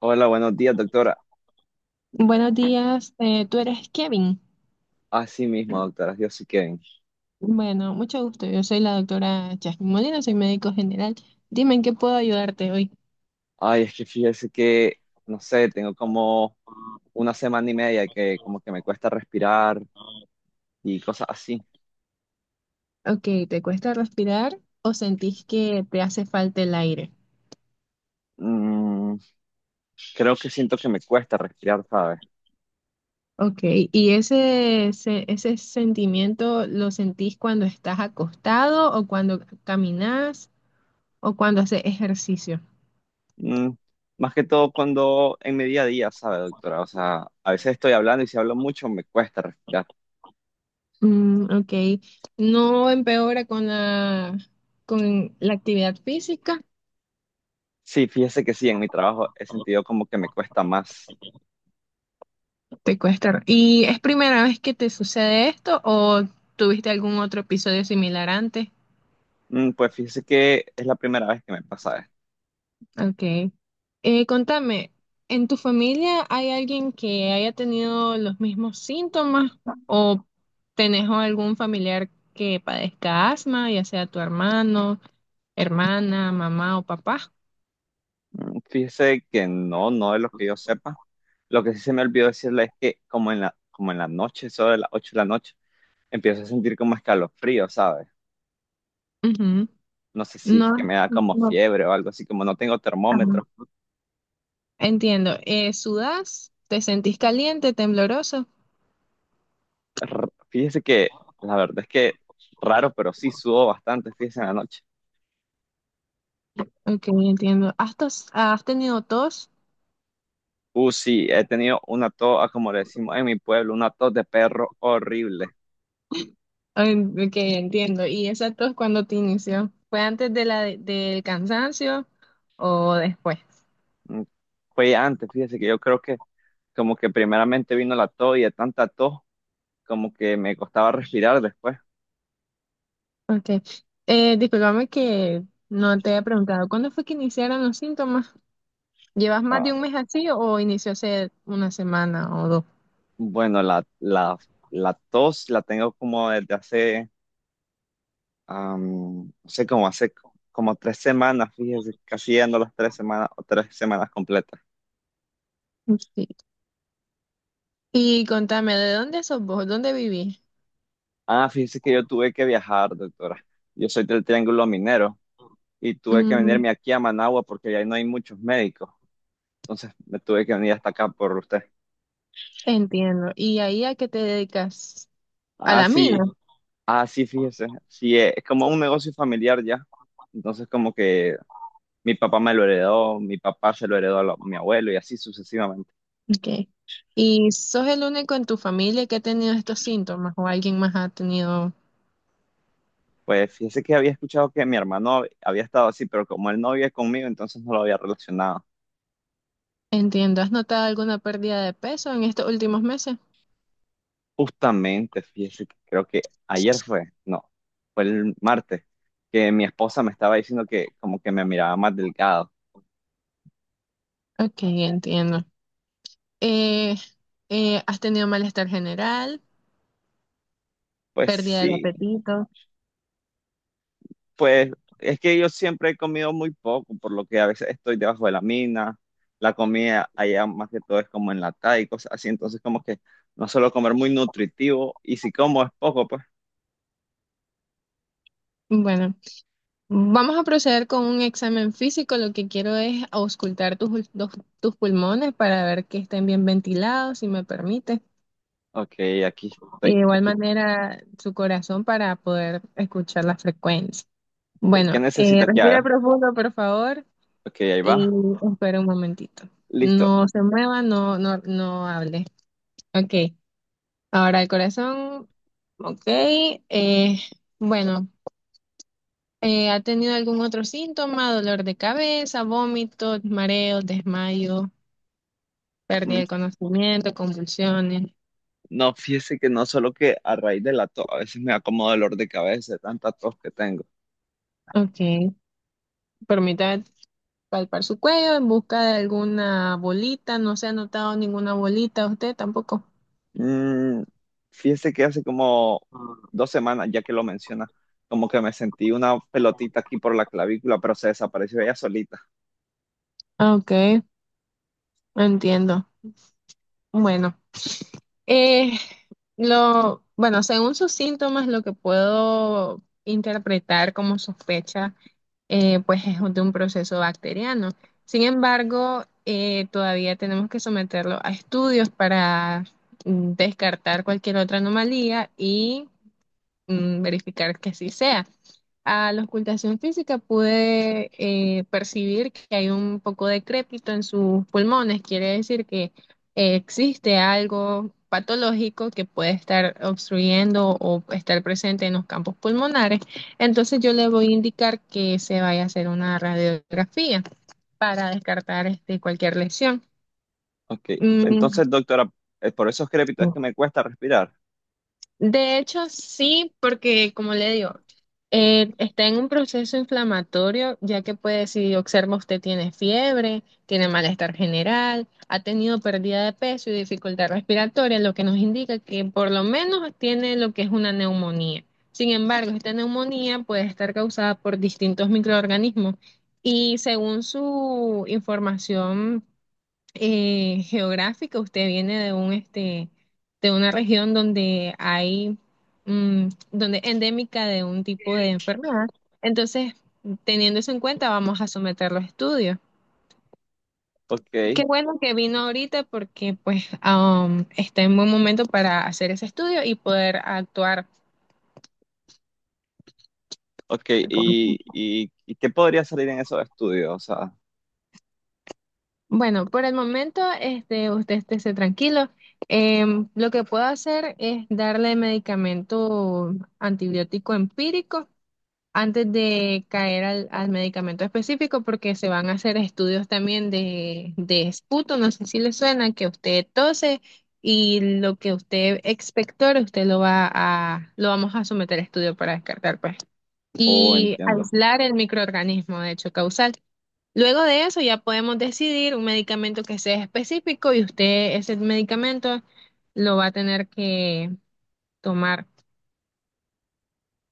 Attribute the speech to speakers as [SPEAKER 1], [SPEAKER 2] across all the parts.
[SPEAKER 1] Hola, buenos días, doctora.
[SPEAKER 2] Buenos días, tú eres Kevin.
[SPEAKER 1] Así mismo, doctora. Yo sí que...
[SPEAKER 2] Bueno, mucho gusto. Yo soy la doctora Jasmine Molina, soy médico general. Dime en qué puedo ayudarte hoy.
[SPEAKER 1] Ay, es que fíjese que, no sé, tengo como una semana y media que como que me cuesta respirar y cosas así.
[SPEAKER 2] Ok, ¿te cuesta respirar o sentís que te hace falta el aire?
[SPEAKER 1] Mm, Creo que siento que me cuesta respirar, ¿sabe?
[SPEAKER 2] Ok, ¿y ese sentimiento lo sentís cuando estás acostado o cuando caminas o cuando haces ejercicio?
[SPEAKER 1] Mm, Más que todo cuando en mi día a día, ¿sabe, doctora? O sea, a veces estoy hablando y si hablo mucho me cuesta respirar.
[SPEAKER 2] Mm, ok, ¿no empeora con con la actividad física?
[SPEAKER 1] Sí, fíjese que sí, en mi trabajo he sentido como que me cuesta más.
[SPEAKER 2] Te cuesta. ¿Y es primera vez que te sucede esto o tuviste algún otro episodio similar antes?
[SPEAKER 1] Pues fíjese que es la primera vez que me pasa esto.
[SPEAKER 2] Ok. Contame, ¿en tu familia hay alguien que haya tenido los mismos síntomas o tenés algún familiar que padezca asma, ya sea tu hermano, hermana, mamá o papá?
[SPEAKER 1] Fíjese que no, no de lo que yo sepa. Lo que sí se me olvidó decirle es que como en la noche, sobre las 8 de la noche, empiezo a sentir como escalofrío, ¿sabes?
[SPEAKER 2] Ujú.
[SPEAKER 1] No sé si es que
[SPEAKER 2] No,
[SPEAKER 1] me da como
[SPEAKER 2] no,
[SPEAKER 1] fiebre o algo así, como no tengo termómetro.
[SPEAKER 2] ajá. Entiendo. ¿Sudás? ¿Te sentís caliente, tembloroso?
[SPEAKER 1] Fíjese que la verdad es que raro, pero sí sudo bastante, fíjese en la noche.
[SPEAKER 2] Ok, entiendo. ¿Has tenido tos?
[SPEAKER 1] Sí, he tenido una tos, ah, como le decimos en mi pueblo, una tos de perro horrible.
[SPEAKER 2] Ok, entiendo. ¿Y esa tos cuándo te inició? ¿Fue antes de la del cansancio o después?
[SPEAKER 1] Mm, Fue antes, fíjese que yo creo que como que primeramente vino la tos y de tanta tos como que me costaba respirar después.
[SPEAKER 2] Ok. Discúlpame que no te había preguntado, ¿cuándo fue que iniciaron los síntomas? ¿Llevas más de
[SPEAKER 1] Ah,
[SPEAKER 2] un mes así o inició hace una semana o dos?
[SPEAKER 1] bueno, la tos la tengo como desde hace, no sé, como hace como 3 semanas, fíjese, casi llegando a las 3 semanas o 3 semanas completas.
[SPEAKER 2] Sí. Y contame, ¿de dónde sos vos? ¿Dónde vivís?
[SPEAKER 1] Ah, fíjese que yo tuve que viajar, doctora. Yo soy del Triángulo Minero y tuve que
[SPEAKER 2] Mm,
[SPEAKER 1] venirme aquí a Managua porque ahí no hay muchos médicos. Entonces me tuve que venir hasta acá por usted.
[SPEAKER 2] entiendo. ¿Y ahí a qué te dedicas? ¿A
[SPEAKER 1] Ah,
[SPEAKER 2] la mina?
[SPEAKER 1] sí. Ah, sí, fíjese, sí, es como un negocio familiar ya. Entonces, como que mi papá me lo heredó, mi papá se lo heredó a lo- mi abuelo y así sucesivamente.
[SPEAKER 2] Ok. ¿Y sos el único en tu familia que ha tenido estos síntomas o alguien más ha tenido?
[SPEAKER 1] Pues fíjese que había escuchado que mi hermano había estado así, pero como él no vive conmigo, entonces no lo había relacionado.
[SPEAKER 2] Entiendo. ¿Has notado alguna pérdida de peso en estos últimos meses?
[SPEAKER 1] Justamente, fíjese que creo que ayer fue, no, fue el martes, que mi esposa me estaba diciendo que como que me miraba más delgado.
[SPEAKER 2] Ok, entiendo. Eh, ¿Has tenido malestar general,
[SPEAKER 1] Pues
[SPEAKER 2] pérdida del
[SPEAKER 1] sí.
[SPEAKER 2] apetito?
[SPEAKER 1] Pues es que yo siempre he comido muy poco, por lo que a veces estoy debajo de la mina, la comida allá más que todo es como enlatada y cosas así, entonces como que no suelo comer muy nutritivo y si como es poco, pues,
[SPEAKER 2] Bueno, vamos a proceder con un examen físico. Lo que quiero es auscultar tus pulmones para ver que estén bien ventilados, si me permite.
[SPEAKER 1] ok, aquí
[SPEAKER 2] De
[SPEAKER 1] estoy,
[SPEAKER 2] igual
[SPEAKER 1] aquí.
[SPEAKER 2] manera, su corazón para poder escuchar la frecuencia.
[SPEAKER 1] ¿Qué,
[SPEAKER 2] Bueno,
[SPEAKER 1] qué necesita que
[SPEAKER 2] respira
[SPEAKER 1] haga?
[SPEAKER 2] profundo, por favor.
[SPEAKER 1] Ok, ahí
[SPEAKER 2] Y
[SPEAKER 1] va,
[SPEAKER 2] espera un momentito.
[SPEAKER 1] listo.
[SPEAKER 2] No se mueva, no hable. Ok, ahora el corazón. Ok, bueno, ¿ha tenido algún otro síntoma? Dolor de cabeza, vómitos, mareos, desmayo, pérdida
[SPEAKER 1] Mm,
[SPEAKER 2] de conocimiento, convulsiones.
[SPEAKER 1] No, fíjese que no solo que a raíz de la tos, a veces me da como dolor de cabeza, de tanta tos que tengo.
[SPEAKER 2] Ok, permítame palpar su cuello en busca de alguna bolita. No se ha notado ninguna bolita, usted tampoco.
[SPEAKER 1] Mm, Fíjese que hace como 2 semanas, ya que lo menciona, como que me sentí una pelotita aquí por la clavícula, pero se desapareció ella solita.
[SPEAKER 2] Ok, entiendo. Bueno. Eh, bueno, según sus síntomas, lo que puedo interpretar como sospecha, pues es de un proceso bacteriano. Sin embargo, todavía tenemos que someterlo a estudios para descartar cualquier otra anomalía y verificar que así sea. A la ocultación física pude percibir que hay un poco de crépito en sus pulmones, quiere decir que existe algo patológico que puede estar obstruyendo o estar presente en los campos pulmonares. Entonces yo le voy a indicar que se vaya a hacer una radiografía para descartar este, cualquier lesión.
[SPEAKER 1] Ok,
[SPEAKER 2] Mm,
[SPEAKER 1] entonces, doctora, por esos crépitos es que me cuesta respirar.
[SPEAKER 2] de hecho, sí, porque como le digo, está en un proceso inflamatorio, ya que puede, si observa usted tiene fiebre, tiene malestar general, ha tenido pérdida de peso y dificultad respiratoria, lo que nos indica que por lo menos tiene lo que es una neumonía. Sin embargo, esta neumonía puede estar causada por distintos microorganismos y según su información geográfica, usted viene de un este de una región donde hay donde endémica de un tipo de enfermedad. Entonces, teniendo eso en cuenta, vamos a someter los estudios.
[SPEAKER 1] Ok,
[SPEAKER 2] Qué bueno que vino ahorita porque pues está en buen momento para hacer ese estudio y poder actuar.
[SPEAKER 1] ok, ¿y qué podría salir en esos estudios? O sea,
[SPEAKER 2] Bueno, por el momento, este, usted esté tranquilo. Lo que puedo hacer es darle medicamento antibiótico empírico antes de caer al medicamento específico, porque se van a hacer estudios también de esputo, no sé si le suena, que usted tose y lo que usted expectora, usted lo va a, lo vamos a someter a estudio para descartar, pues,
[SPEAKER 1] oh,
[SPEAKER 2] y
[SPEAKER 1] entiendo.
[SPEAKER 2] aislar el microorganismo de hecho causal. Luego de eso ya podemos decidir un medicamento que sea específico y usted ese medicamento lo va a tener que tomar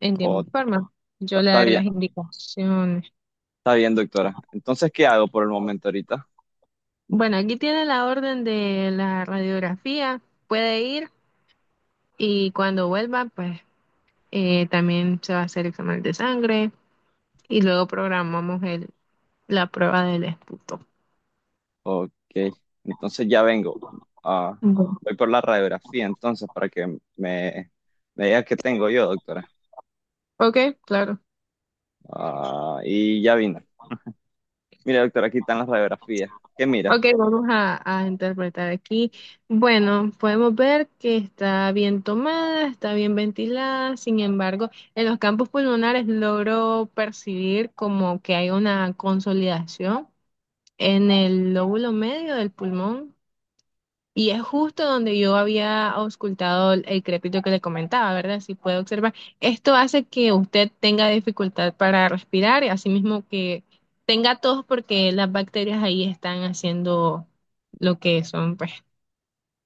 [SPEAKER 2] en
[SPEAKER 1] Oh,
[SPEAKER 2] tiempo y forma.
[SPEAKER 1] está
[SPEAKER 2] Yo le
[SPEAKER 1] está
[SPEAKER 2] daré
[SPEAKER 1] bien,
[SPEAKER 2] las indicaciones.
[SPEAKER 1] está bien, doctora. Entonces, ¿qué hago por el momento ahorita?
[SPEAKER 2] Bueno, aquí tiene la orden de la radiografía, puede ir y cuando vuelva, pues también se va a hacer examen de sangre y luego programamos la prueba del esputo.
[SPEAKER 1] Ok, entonces ya vengo. Ah,
[SPEAKER 2] Ujú.
[SPEAKER 1] voy por la radiografía entonces para que me, me diga qué tengo yo, doctora.
[SPEAKER 2] Ok, claro.
[SPEAKER 1] Ah, y ya vino. Mira, doctora, aquí están las radiografías. ¿Qué mira?
[SPEAKER 2] Ok, vamos a interpretar aquí. Bueno, podemos ver que está bien tomada, está bien ventilada, sin embargo, en los campos pulmonares logro percibir como que hay una consolidación en el lóbulo medio del pulmón. Y es justo donde yo había auscultado el crepito que le comentaba, ¿verdad? Si puede observar, esto hace que usted tenga dificultad para respirar y asimismo que tenga tos porque las bacterias ahí están haciendo lo que son, pues,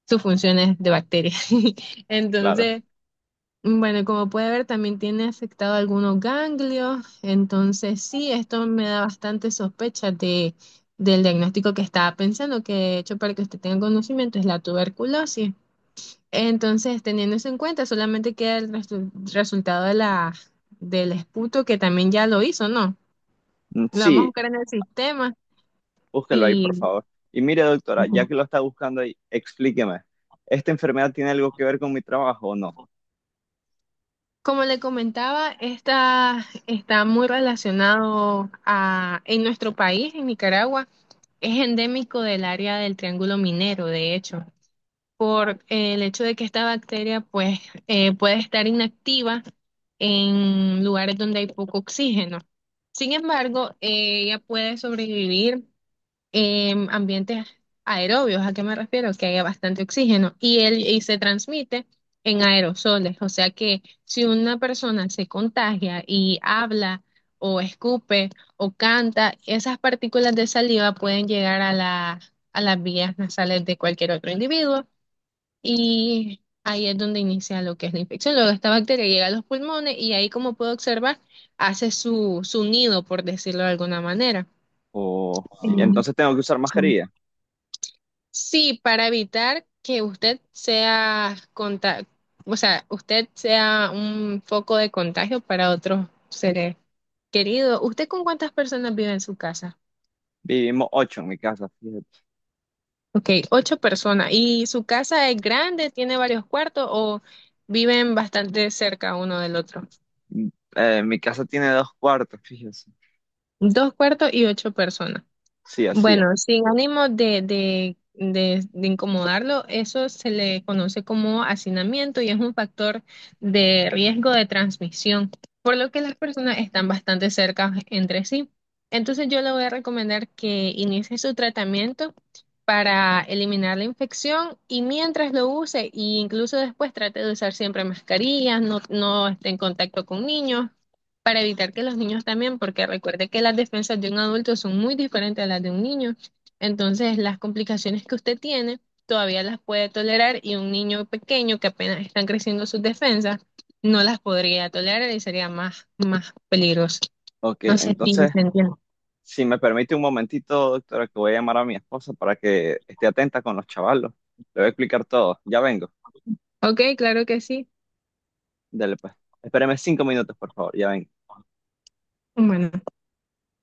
[SPEAKER 2] sus funciones de bacterias.
[SPEAKER 1] Claro.
[SPEAKER 2] Entonces, bueno, como puede ver, también tiene afectado algunos ganglios. Entonces, sí, esto me da bastante sospecha del diagnóstico que estaba pensando, que de hecho, para que usted tenga conocimiento, es la tuberculosis. Entonces, teniendo eso en cuenta, solamente queda el resultado de del esputo que también ya lo hizo, ¿no? Lo vamos a
[SPEAKER 1] Sí,
[SPEAKER 2] buscar en el sistema
[SPEAKER 1] búsquelo ahí,
[SPEAKER 2] y
[SPEAKER 1] por favor. Y mire, doctora, ya
[SPEAKER 2] ujú,
[SPEAKER 1] que lo está buscando ahí, explíqueme. ¿Esta enfermedad tiene algo que ver con mi trabajo o no?
[SPEAKER 2] como le comentaba, esta está muy relacionado a, en nuestro país, en Nicaragua, es endémico del área del Triángulo Minero, de hecho. Por el hecho de que esta bacteria pues puede estar inactiva en lugares donde hay poco oxígeno. Sin embargo, ella puede sobrevivir en ambientes aerobios. ¿A qué me refiero? Que haya bastante oxígeno y, él, y se transmite en aerosoles. O sea que si una persona se contagia y habla o escupe o canta, esas partículas de saliva pueden llegar a a las vías nasales de cualquier otro individuo y ahí es donde inicia lo que es la infección. Luego esta bacteria llega a los pulmones y ahí, como puedo observar, hace su nido, por decirlo de alguna manera.
[SPEAKER 1] Y
[SPEAKER 2] Mm,
[SPEAKER 1] entonces tengo que usar
[SPEAKER 2] sí.
[SPEAKER 1] mascarilla.
[SPEAKER 2] Sí, para evitar que o sea, usted sea un foco de contagio para otros seres queridos. ¿Usted con cuántas personas vive en su casa?
[SPEAKER 1] Vivimos 8 en mi casa, fíjate.
[SPEAKER 2] Ok, 8 personas. ¿Y su casa es grande, tiene varios cuartos o viven bastante cerca uno del otro?
[SPEAKER 1] Mm, Mi casa tiene 2 cuartos, fíjese.
[SPEAKER 2] Dos cuartos y 8 personas.
[SPEAKER 1] Sí, así es.
[SPEAKER 2] Bueno, sin ánimo de incomodarlo, eso se le conoce como hacinamiento y es un factor de riesgo de transmisión, por lo que las personas están bastante cerca entre sí. Entonces yo le voy a recomendar que inicie su tratamiento para eliminar la infección y mientras lo use, e incluso después trate de usar siempre mascarillas, no esté en contacto con niños para evitar que los niños también, porque recuerde que las defensas de un adulto son muy diferentes a las de un niño, entonces las complicaciones que usted tiene todavía las puede tolerar y un niño pequeño que apenas están creciendo sus defensas no las podría tolerar y sería más peligroso.
[SPEAKER 1] Ok,
[SPEAKER 2] No sé si
[SPEAKER 1] entonces,
[SPEAKER 2] se entiende.
[SPEAKER 1] si me permite un momentito, doctora, que voy a llamar a mi esposa para que esté atenta con los chavalos. Le voy a explicar todo. Ya vengo.
[SPEAKER 2] Ok, claro que sí.
[SPEAKER 1] Dale, pues. Espéreme 5 minutos, por favor. Ya vengo.
[SPEAKER 2] Bueno.